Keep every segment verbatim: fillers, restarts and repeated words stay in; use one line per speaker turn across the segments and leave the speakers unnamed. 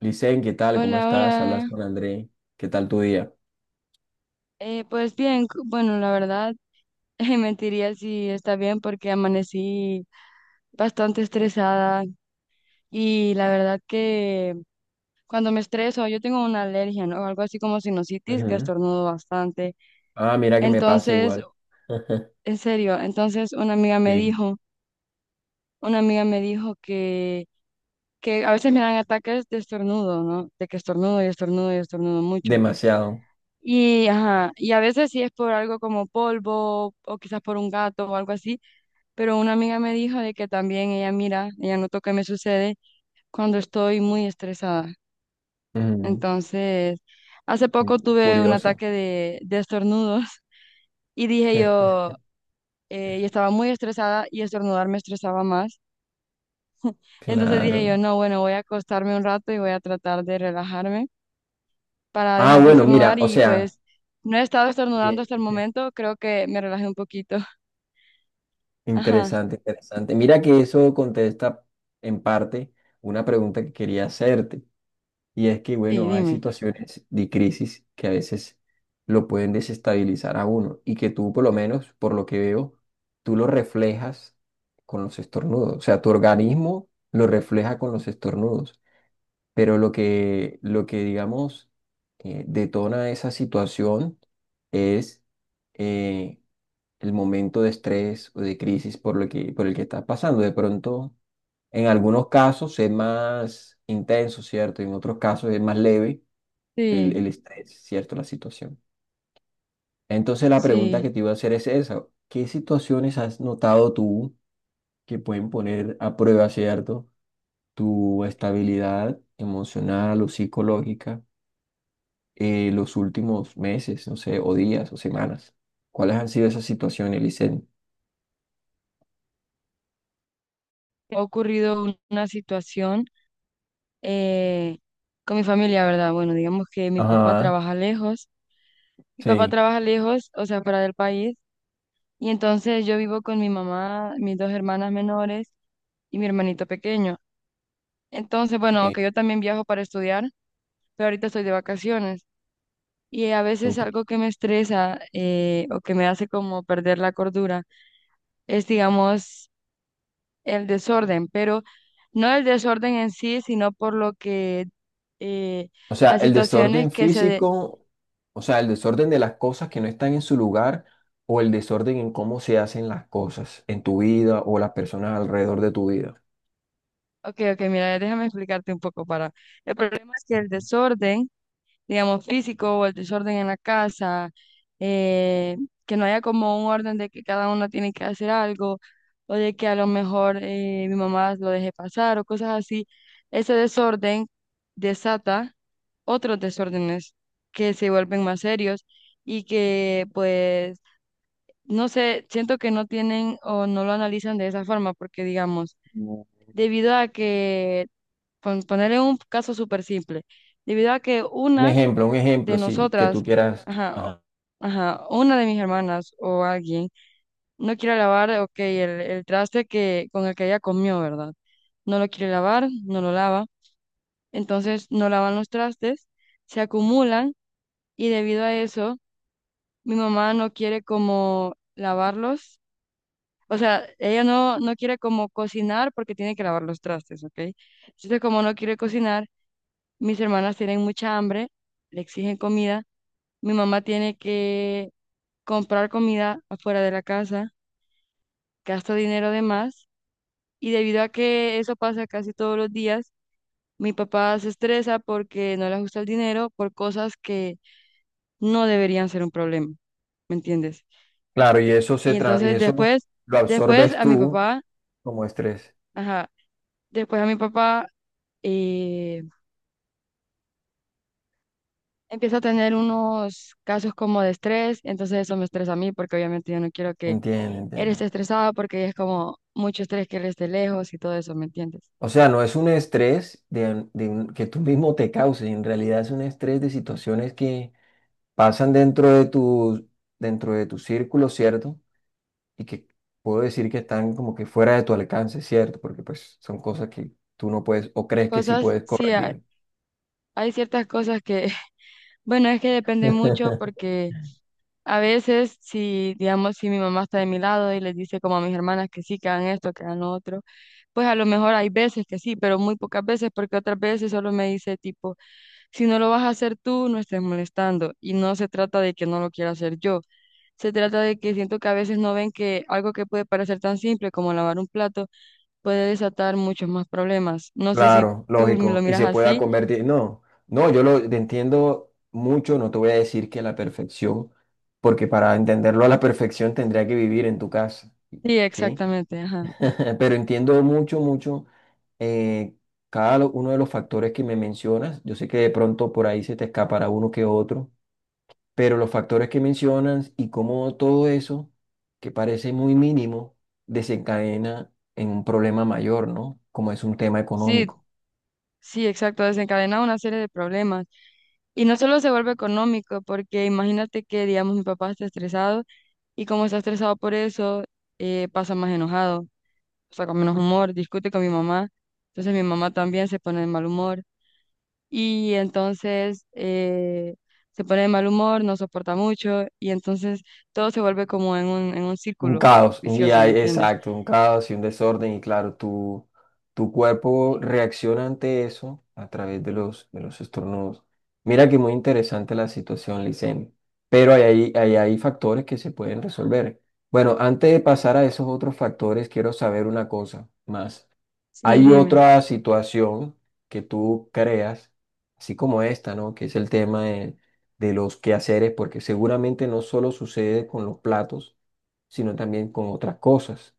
Licen, ¿qué tal? ¿Cómo
Hola,
estás? Hablas
hola.
con André. ¿Qué tal tu día?
Eh, pues bien, cu- bueno, la verdad, eh, mentiría si está bien porque amanecí bastante estresada y la verdad que cuando me estreso, yo tengo una alergia, ¿no? Algo así como sinusitis que
Ujú.
estornudo bastante.
Ah, mira que me pasa
Entonces,
igual.
en serio, entonces una amiga me
Sí,
dijo, una amiga me dijo que, que a veces me dan ataques de estornudo, ¿no? De que estornudo y estornudo y estornudo mucho.
demasiado.
Y, ajá, y a veces sí es por algo como polvo o quizás por un gato o algo así. Pero una amiga me dijo de que también ella mira, ella notó que me sucede cuando estoy muy estresada. Entonces, hace
Ujú.
poco tuve un
Curioso.
ataque de, de estornudos. Y dije yo, eh, yo estaba muy estresada y estornudar me estresaba más. Entonces dije
Claro.
yo, no, bueno, voy a acostarme un rato y voy a tratar de relajarme para
Ah,
dejar de
bueno, mira,
estornudar,
o
y
sea.
pues no he estado estornudando hasta el
Bien.
momento, creo que me relajé un poquito. Ajá,
Interesante, interesante. Mira que eso contesta en parte una pregunta que quería hacerte. Y es que,
sí,
bueno, hay
dime.
situaciones de crisis que a veces lo pueden desestabilizar a uno y que tú, por lo menos, por lo que veo, tú lo reflejas con los estornudos. O sea, tu organismo lo refleja con los estornudos. Pero lo que, lo que digamos, eh, detona esa situación es, eh, el momento de estrés o de crisis por lo que, por el que estás pasando. De pronto, en algunos casos es más intenso, ¿cierto? En otros casos es más leve el,
Sí,
el estrés, ¿cierto? La situación. Entonces la pregunta que
sí.
te iba a hacer es esa. ¿Qué situaciones has notado tú que pueden poner a prueba, ¿cierto? Tu estabilidad emocional o psicológica, eh, los últimos meses, no sé, o días o semanas. ¿Cuáles han sido esas situaciones, Licen?
Ha ocurrido un- una situación eh, con mi familia, ¿verdad? Bueno, digamos que mi papá
Ajá,
trabaja lejos, mi papá
sí.
trabaja lejos, o sea, fuera del país, y entonces yo vivo con mi mamá, mis dos hermanas menores y mi hermanito pequeño. Entonces,
Sí,
bueno, aunque yo también viajo para estudiar, pero ahorita estoy de vacaciones. Y a veces
súper.
algo que me estresa, eh, o que me hace como perder la cordura, es, digamos, el desorden, pero no el desorden en sí, sino por lo que eh,
O sea,
las
el
situaciones
desorden
que se...
físico, o sea, el desorden de las cosas que no están en su lugar o el desorden en cómo se hacen las cosas en tu vida o las personas alrededor de tu vida.
Ok, ok, mira, déjame explicarte un poco para... El problema es que el desorden, digamos, físico o el desorden en la casa, eh, que no haya como un orden de que cada uno tiene que hacer algo o de que a lo mejor eh, mi mamá lo deje pasar o cosas así, ese desorden desata otros desórdenes que se vuelven más serios y que pues, no sé, siento que no tienen o no lo analizan de esa forma porque, digamos,
No.
debido a que pon- ponerle un caso súper simple, debido a que
Un
una
ejemplo, un
de
ejemplo, sí, que
nosotras,
tú quieras.
ajá, o- ajá, una de mis hermanas o alguien no quiere lavar, ok, el, el traste que, con el que ella comió, ¿verdad? No lo quiere lavar, no lo lava, entonces no lavan los trastes, se acumulan y debido a eso, mi mamá no quiere como lavarlos. O sea, ella no, no quiere como cocinar porque tiene que lavar los trastes, ¿ok? Entonces, como no quiere cocinar, mis hermanas tienen mucha hambre, le exigen comida. Mi mamá tiene que comprar comida afuera de la casa, gasta dinero de más. Y debido a que eso pasa casi todos los días, mi papá se estresa porque no le gusta el dinero por cosas que no deberían ser un problema. ¿Me entiendes?
Claro, y eso
Y
se tra- y
entonces
eso
después,
lo
después
absorbes
a mi
tú
papá,
como estrés.
ajá, después a mi papá eh, empieza a tener unos casos como de estrés, entonces eso me estresa a mí porque obviamente yo no quiero que
Entiende,
él
entiende.
está estresado porque es como mucho estrés que él esté lejos y todo eso, ¿me entiendes?
O sea, no es un estrés de, de un- que tú mismo te causes, en realidad es un estrés de situaciones que pasan dentro de tu, dentro de tu círculo, ¿cierto? Y que puedo decir que están como que fuera de tu alcance, ¿cierto? Porque pues son cosas que tú no puedes o crees que sí
Cosas,
puedes
sí, hay,
corregir.
hay ciertas cosas que, bueno, es que depende mucho porque a veces si, digamos, si mi mamá está de mi lado y les dice como a mis hermanas que sí, que hagan esto, que hagan lo otro, pues a lo mejor hay veces que sí, pero muy pocas veces porque otras veces solo me dice tipo, si no lo vas a hacer tú, no estés molestando. Y no se trata de que no lo quiera hacer yo. Se trata de que siento que a veces no ven que algo que puede parecer tan simple como lavar un plato, puede desatar muchos más problemas. No sé si
Claro,
tú
lógico,
lo
y
miras
se pueda
así.
convertir. No, no, yo lo te entiendo mucho, no te voy a decir que a la perfección, porque para entenderlo a la perfección tendría que vivir en tu casa,
Sí,
¿sí?
exactamente, ajá.
Pero entiendo mucho, mucho, eh, cada lo- uno de los factores que me mencionas. Yo sé que de pronto por ahí se te escapará uno que otro, pero los factores que mencionas y cómo todo eso, que parece muy mínimo, desencadena en un problema mayor, ¿no? Como es un tema
Sí,
económico.
sí, exacto, desencadena una serie de problemas. Y no solo se vuelve económico, porque imagínate que, digamos, mi papá está estresado y como está estresado por eso, eh, pasa más enojado, o sea, con menos humor, discute con mi mamá. Entonces mi mamá también se pone de mal humor y entonces eh, se pone de mal humor, no soporta mucho y entonces todo se vuelve como en un, en un
Un
círculo
caos, un
vicioso,
día,
¿me entiendes?
exacto, un caos y un desorden. Y claro, tu, tu cuerpo reacciona ante eso a través de los, de los estornudos. Mira que muy interesante la situación, Licen. Pero hay, ahí- ahí hay factores que se pueden resolver. Bueno, antes de pasar a esos otros factores, quiero saber una cosa más.
Sí,
Hay
dime.
otra situación que tú creas, así como esta, ¿no? Que es el tema de, de los quehaceres, porque seguramente no solo sucede con los platos, sino también con otras cosas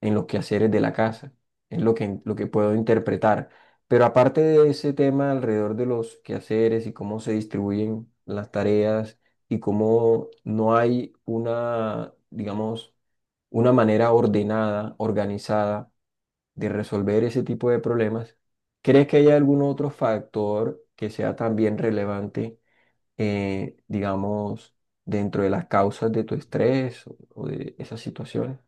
en los quehaceres de la casa. Es lo que, lo que puedo interpretar. Pero aparte de ese tema alrededor de los quehaceres y cómo se distribuyen las tareas y cómo no hay una, digamos, una manera ordenada, organizada de resolver ese tipo de problemas, ¿crees que hay algún otro factor que sea también relevante, eh, digamos, dentro de las causas de tu estrés o, o de esas situaciones?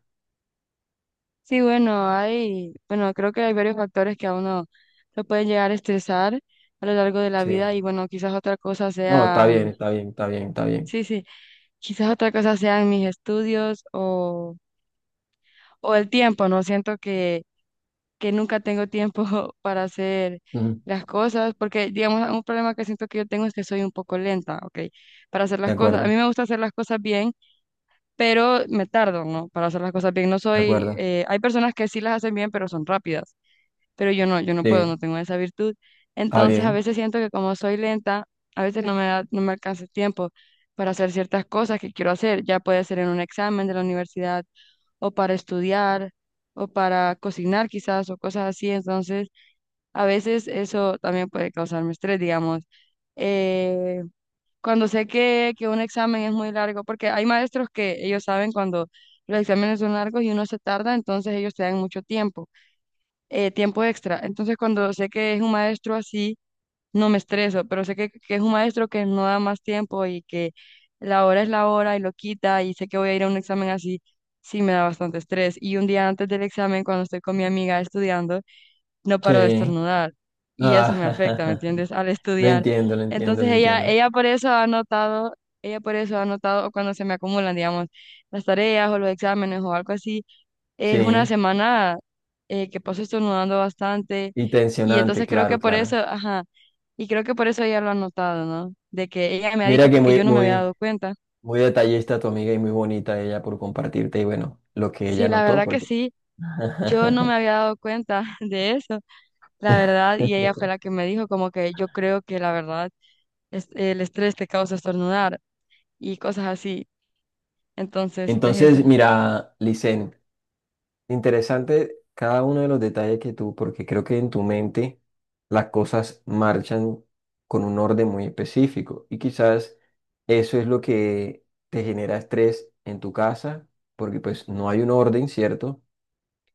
Sí, bueno, hay, bueno, creo que hay varios factores que a uno lo pueden llegar a estresar a lo largo de la
Sí.
vida y bueno, quizás otra cosa
No, está
sea,
bien, está bien, está bien, está bien.
sí, sí, quizás otra cosa sean mis estudios o, o el tiempo, ¿no? Siento que, que nunca tengo tiempo para hacer
Ujú.
las cosas porque, digamos, un problema que siento que yo tengo es que soy un poco lenta, ¿ok? Para hacer
De
las cosas. A
acuerdo,
mí me gusta hacer las cosas bien, pero me tardo, ¿no? Para hacer las cosas bien. No
de
soy,
acuerdo.
eh, hay personas que sí las hacen bien, pero son rápidas. Pero yo no, yo no puedo,
Sí,
no tengo esa virtud.
está
Entonces a
bien.
veces siento que como soy lenta, a veces no me da, no me alcanza el tiempo para hacer ciertas cosas que quiero hacer, ya puede ser en un examen de la universidad o para estudiar o para cocinar quizás o cosas así. Entonces a veces eso también puede causarme estrés, digamos. Eh, Cuando sé que, que un examen es muy largo, porque hay maestros que ellos saben cuando los exámenes son largos y uno se tarda, entonces ellos te dan mucho tiempo eh, tiempo extra. Entonces, cuando sé que es un maestro así, no me estreso, pero sé que, que es un maestro que no da más tiempo y que la hora es la hora y lo quita y sé que voy a ir a un examen así, sí me da bastante estrés. Y un día antes del examen, cuando estoy con mi amiga estudiando, no paro de
Sí.
estornudar y eso me afecta, ¿me
Ah,
entiendes? Al
lo
estudiar.
entiendo, lo entiendo,
Entonces,
lo
ella,
entiendo.
ella por eso ha notado... Ella por eso ha notado cuando se me acumulan, digamos, las tareas o los exámenes o algo así, es una
Sí,
semana eh, que paso estornudando bastante
y
y
tensionante,
entonces creo que
claro,
por eso,
claro.
ajá, y creo que por eso ella lo ha notado, ¿no? De que ella me ha dicho
Mira que
porque
muy,
yo no me había
muy,
dado cuenta.
Muy detallista tu amiga y muy bonita ella por compartirte y bueno, lo que
Sí,
ella
la
notó,
verdad que
porque...
sí, yo no me había dado cuenta de eso, la verdad, y ella fue la que me dijo como que yo creo que la verdad es el estrés te causa estornudar y cosas así. Entonces, pues eso.
Entonces, mira, Licen, interesante cada uno de los detalles que tú, porque creo que en tu mente las cosas marchan con un orden muy específico y quizás eso es lo que te genera estrés en tu casa, porque pues no hay un orden, ¿cierto?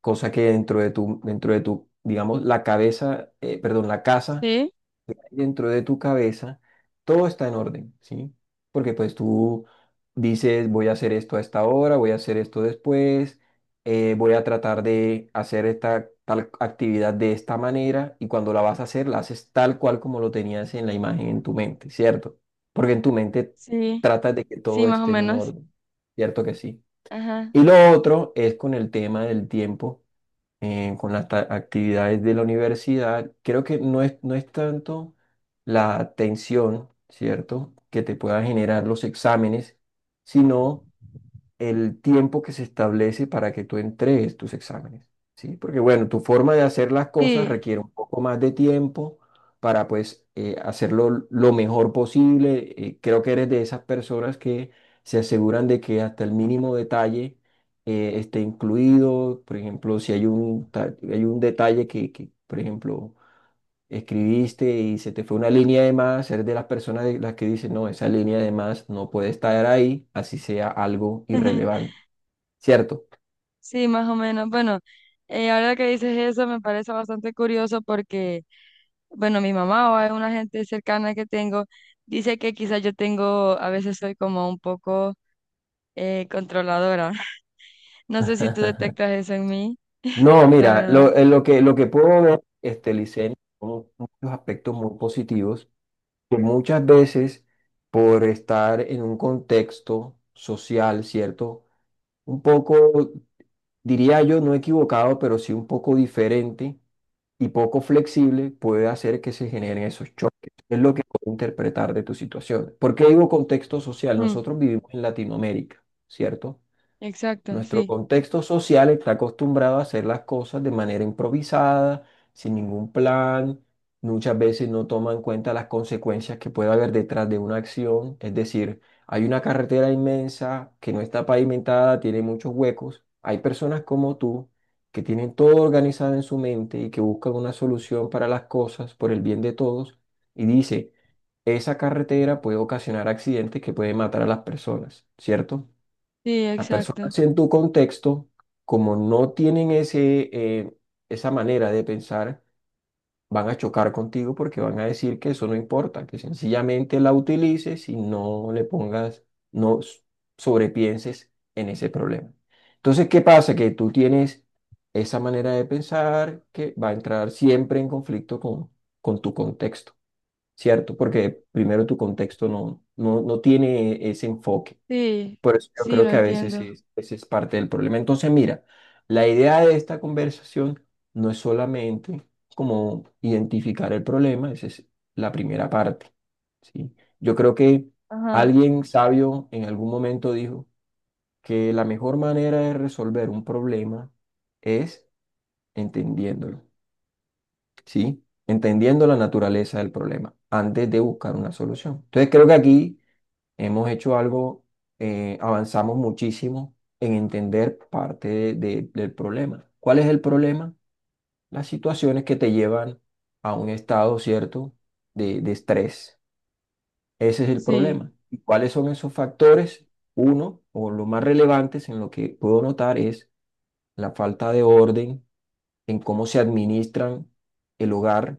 Cosa que dentro de tu, dentro de tu, digamos, la cabeza, eh, perdón, la casa,
Sí,
dentro de tu cabeza, todo está en orden, ¿sí? Porque pues tú dices, voy a hacer esto a esta hora, voy a hacer esto después, eh, voy a tratar de hacer esta tal actividad de esta manera y cuando la vas a hacer, la haces tal cual como lo tenías en la imagen en tu mente, ¿cierto? Porque en tu mente
sí,
tratas de que
sí,
todo
más o
esté en un
menos.
orden, ¿cierto que sí?
Ajá.
Y lo otro es con el tema del tiempo, eh, con las ta- actividades de la universidad. Creo que no es, no es tanto la tensión, ¿cierto?, que te puedan generar los exámenes, sino el tiempo que se establece para que tú entregues tus exámenes, ¿sí? Porque bueno, tu forma de hacer las cosas
Sí.
requiere un poco más de tiempo para pues, eh, hacerlo lo mejor posible. Eh, creo que eres de esas personas que se aseguran de que hasta el mínimo detalle eh, esté incluido. Por ejemplo, si hay un, ta- hay un detalle que, que, por ejemplo, escribiste y se te fue una línea de más, eres de las personas de las que dicen, no, esa línea de más no puede estar ahí, así sea algo irrelevante. ¿Cierto?
Sí, más o menos. Bueno, eh, ahora que dices eso me parece bastante curioso porque, bueno, mi mamá o alguna gente cercana que tengo dice que quizás yo tengo, a veces soy como un poco eh, controladora. No sé si tú detectas eso en mí,
No,
la
mira,
verdad.
lo, eh, lo que, lo que puedo ver, este, Licen, son muchos aspectos muy positivos, que muchas veces por estar en un contexto social, ¿cierto? Un poco, diría yo, no equivocado, pero sí un poco diferente y poco flexible, puede hacer que se generen esos choques. Es lo que puedo interpretar de tu situación. ¿Por qué digo contexto social?
Mm,
Nosotros vivimos en Latinoamérica, ¿cierto?
exacto,
Nuestro
sí,
contexto social está acostumbrado a hacer las cosas de manera improvisada, sin ningún plan. Muchas veces no toma en cuenta las consecuencias que puede haber detrás de una acción. Es decir, hay una carretera inmensa que no está pavimentada, tiene muchos huecos. Hay personas como tú que tienen todo organizado en su mente y que buscan una solución para las cosas por el bien de todos y dice, esa carretera puede ocasionar accidentes que pueden matar a las personas, ¿cierto?
sí,
Las personas
exacto.
en tu contexto, como no tienen ese, eh, esa manera de pensar, van a chocar contigo porque van a decir que eso no importa, que sencillamente la utilices y no le pongas, no s- sobrepienses en ese problema. Entonces, ¿qué pasa? Que tú tienes esa manera de pensar que va a entrar siempre en conflicto con, con tu contexto, ¿cierto? Porque primero tu contexto no, no, no tiene ese enfoque.
Sí,
Por eso yo
sí,
creo
lo
que a veces
entiendo.
es, ese es parte del problema. Entonces, mira, la idea de esta conversación no es solamente como identificar el problema, esa es la primera parte, ¿sí? Yo creo que
Ajá,
alguien sabio en algún momento dijo que la mejor manera de resolver un problema es entendiéndolo, ¿sí? Entendiendo la naturaleza del problema antes de buscar una solución. Entonces, creo que aquí Hemos hecho algo, eh, avanzamos muchísimo en entender parte de- de- del problema. ¿Cuál es el problema? Las situaciones que te llevan a un estado, ¿cierto?, de, de estrés. Ese es el
sí,
problema. ¿Y cuáles son esos factores? Uno, o lo más relevantes en lo que puedo notar es la falta de orden en cómo se administran el hogar,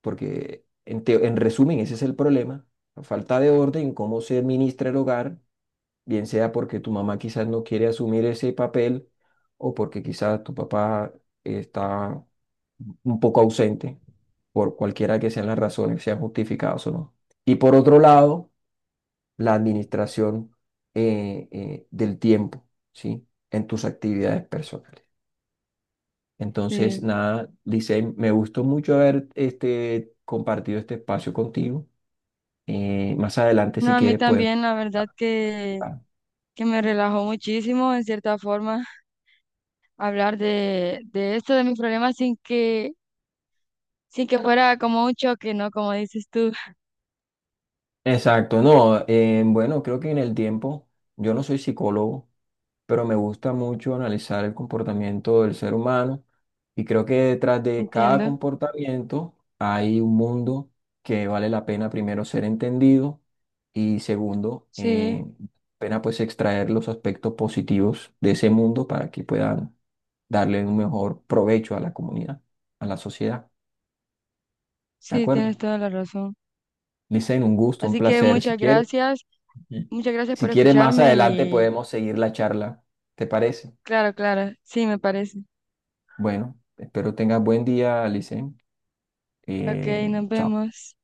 porque en, teo- en resumen ese es el problema, la falta de orden en cómo se administra el hogar, bien sea porque tu mamá quizás no quiere asumir ese papel o porque quizás tu papá está un poco ausente, por cualquiera que sean las razones, sean justificadas o no. Y por otro lado, la administración, eh, eh, del tiempo, ¿sí? En tus actividades personales. Entonces,
sí.
nada, dice, me gustó mucho haber este, compartido este espacio contigo. Eh, más adelante,
No,
si
a mí
quieres, podemos...
también, la verdad que, que me relajó muchísimo en cierta forma. Hablar de, de esto, de mis problemas, sin que, sin que fuera como un choque, ¿no? Como dices tú,
Exacto, no, eh, bueno, creo que en el tiempo, yo no soy psicólogo, pero me gusta mucho analizar el comportamiento del ser humano y creo que detrás de cada
entiendo.
comportamiento hay un mundo que vale la pena primero ser entendido y segundo,
Sí,
eh, pena pues extraer los aspectos positivos de ese mundo para que puedan darle un mejor provecho a a la la comunidad, a la sociedad. De
sí,
acuerdo.
tienes toda la razón.
un un gusto, un
Así que
placer, si
muchas
quieres,
gracias,
Mm.
muchas gracias
Si
por
quieres, más
escucharme
adelante
y
podemos seguir la charla. ¿Te parece?
claro, claro, sí, me parece.
Bueno, espero tengas buen día, Alicen.
Ok,
Eh,
nos
chao.
vemos.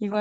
Igual.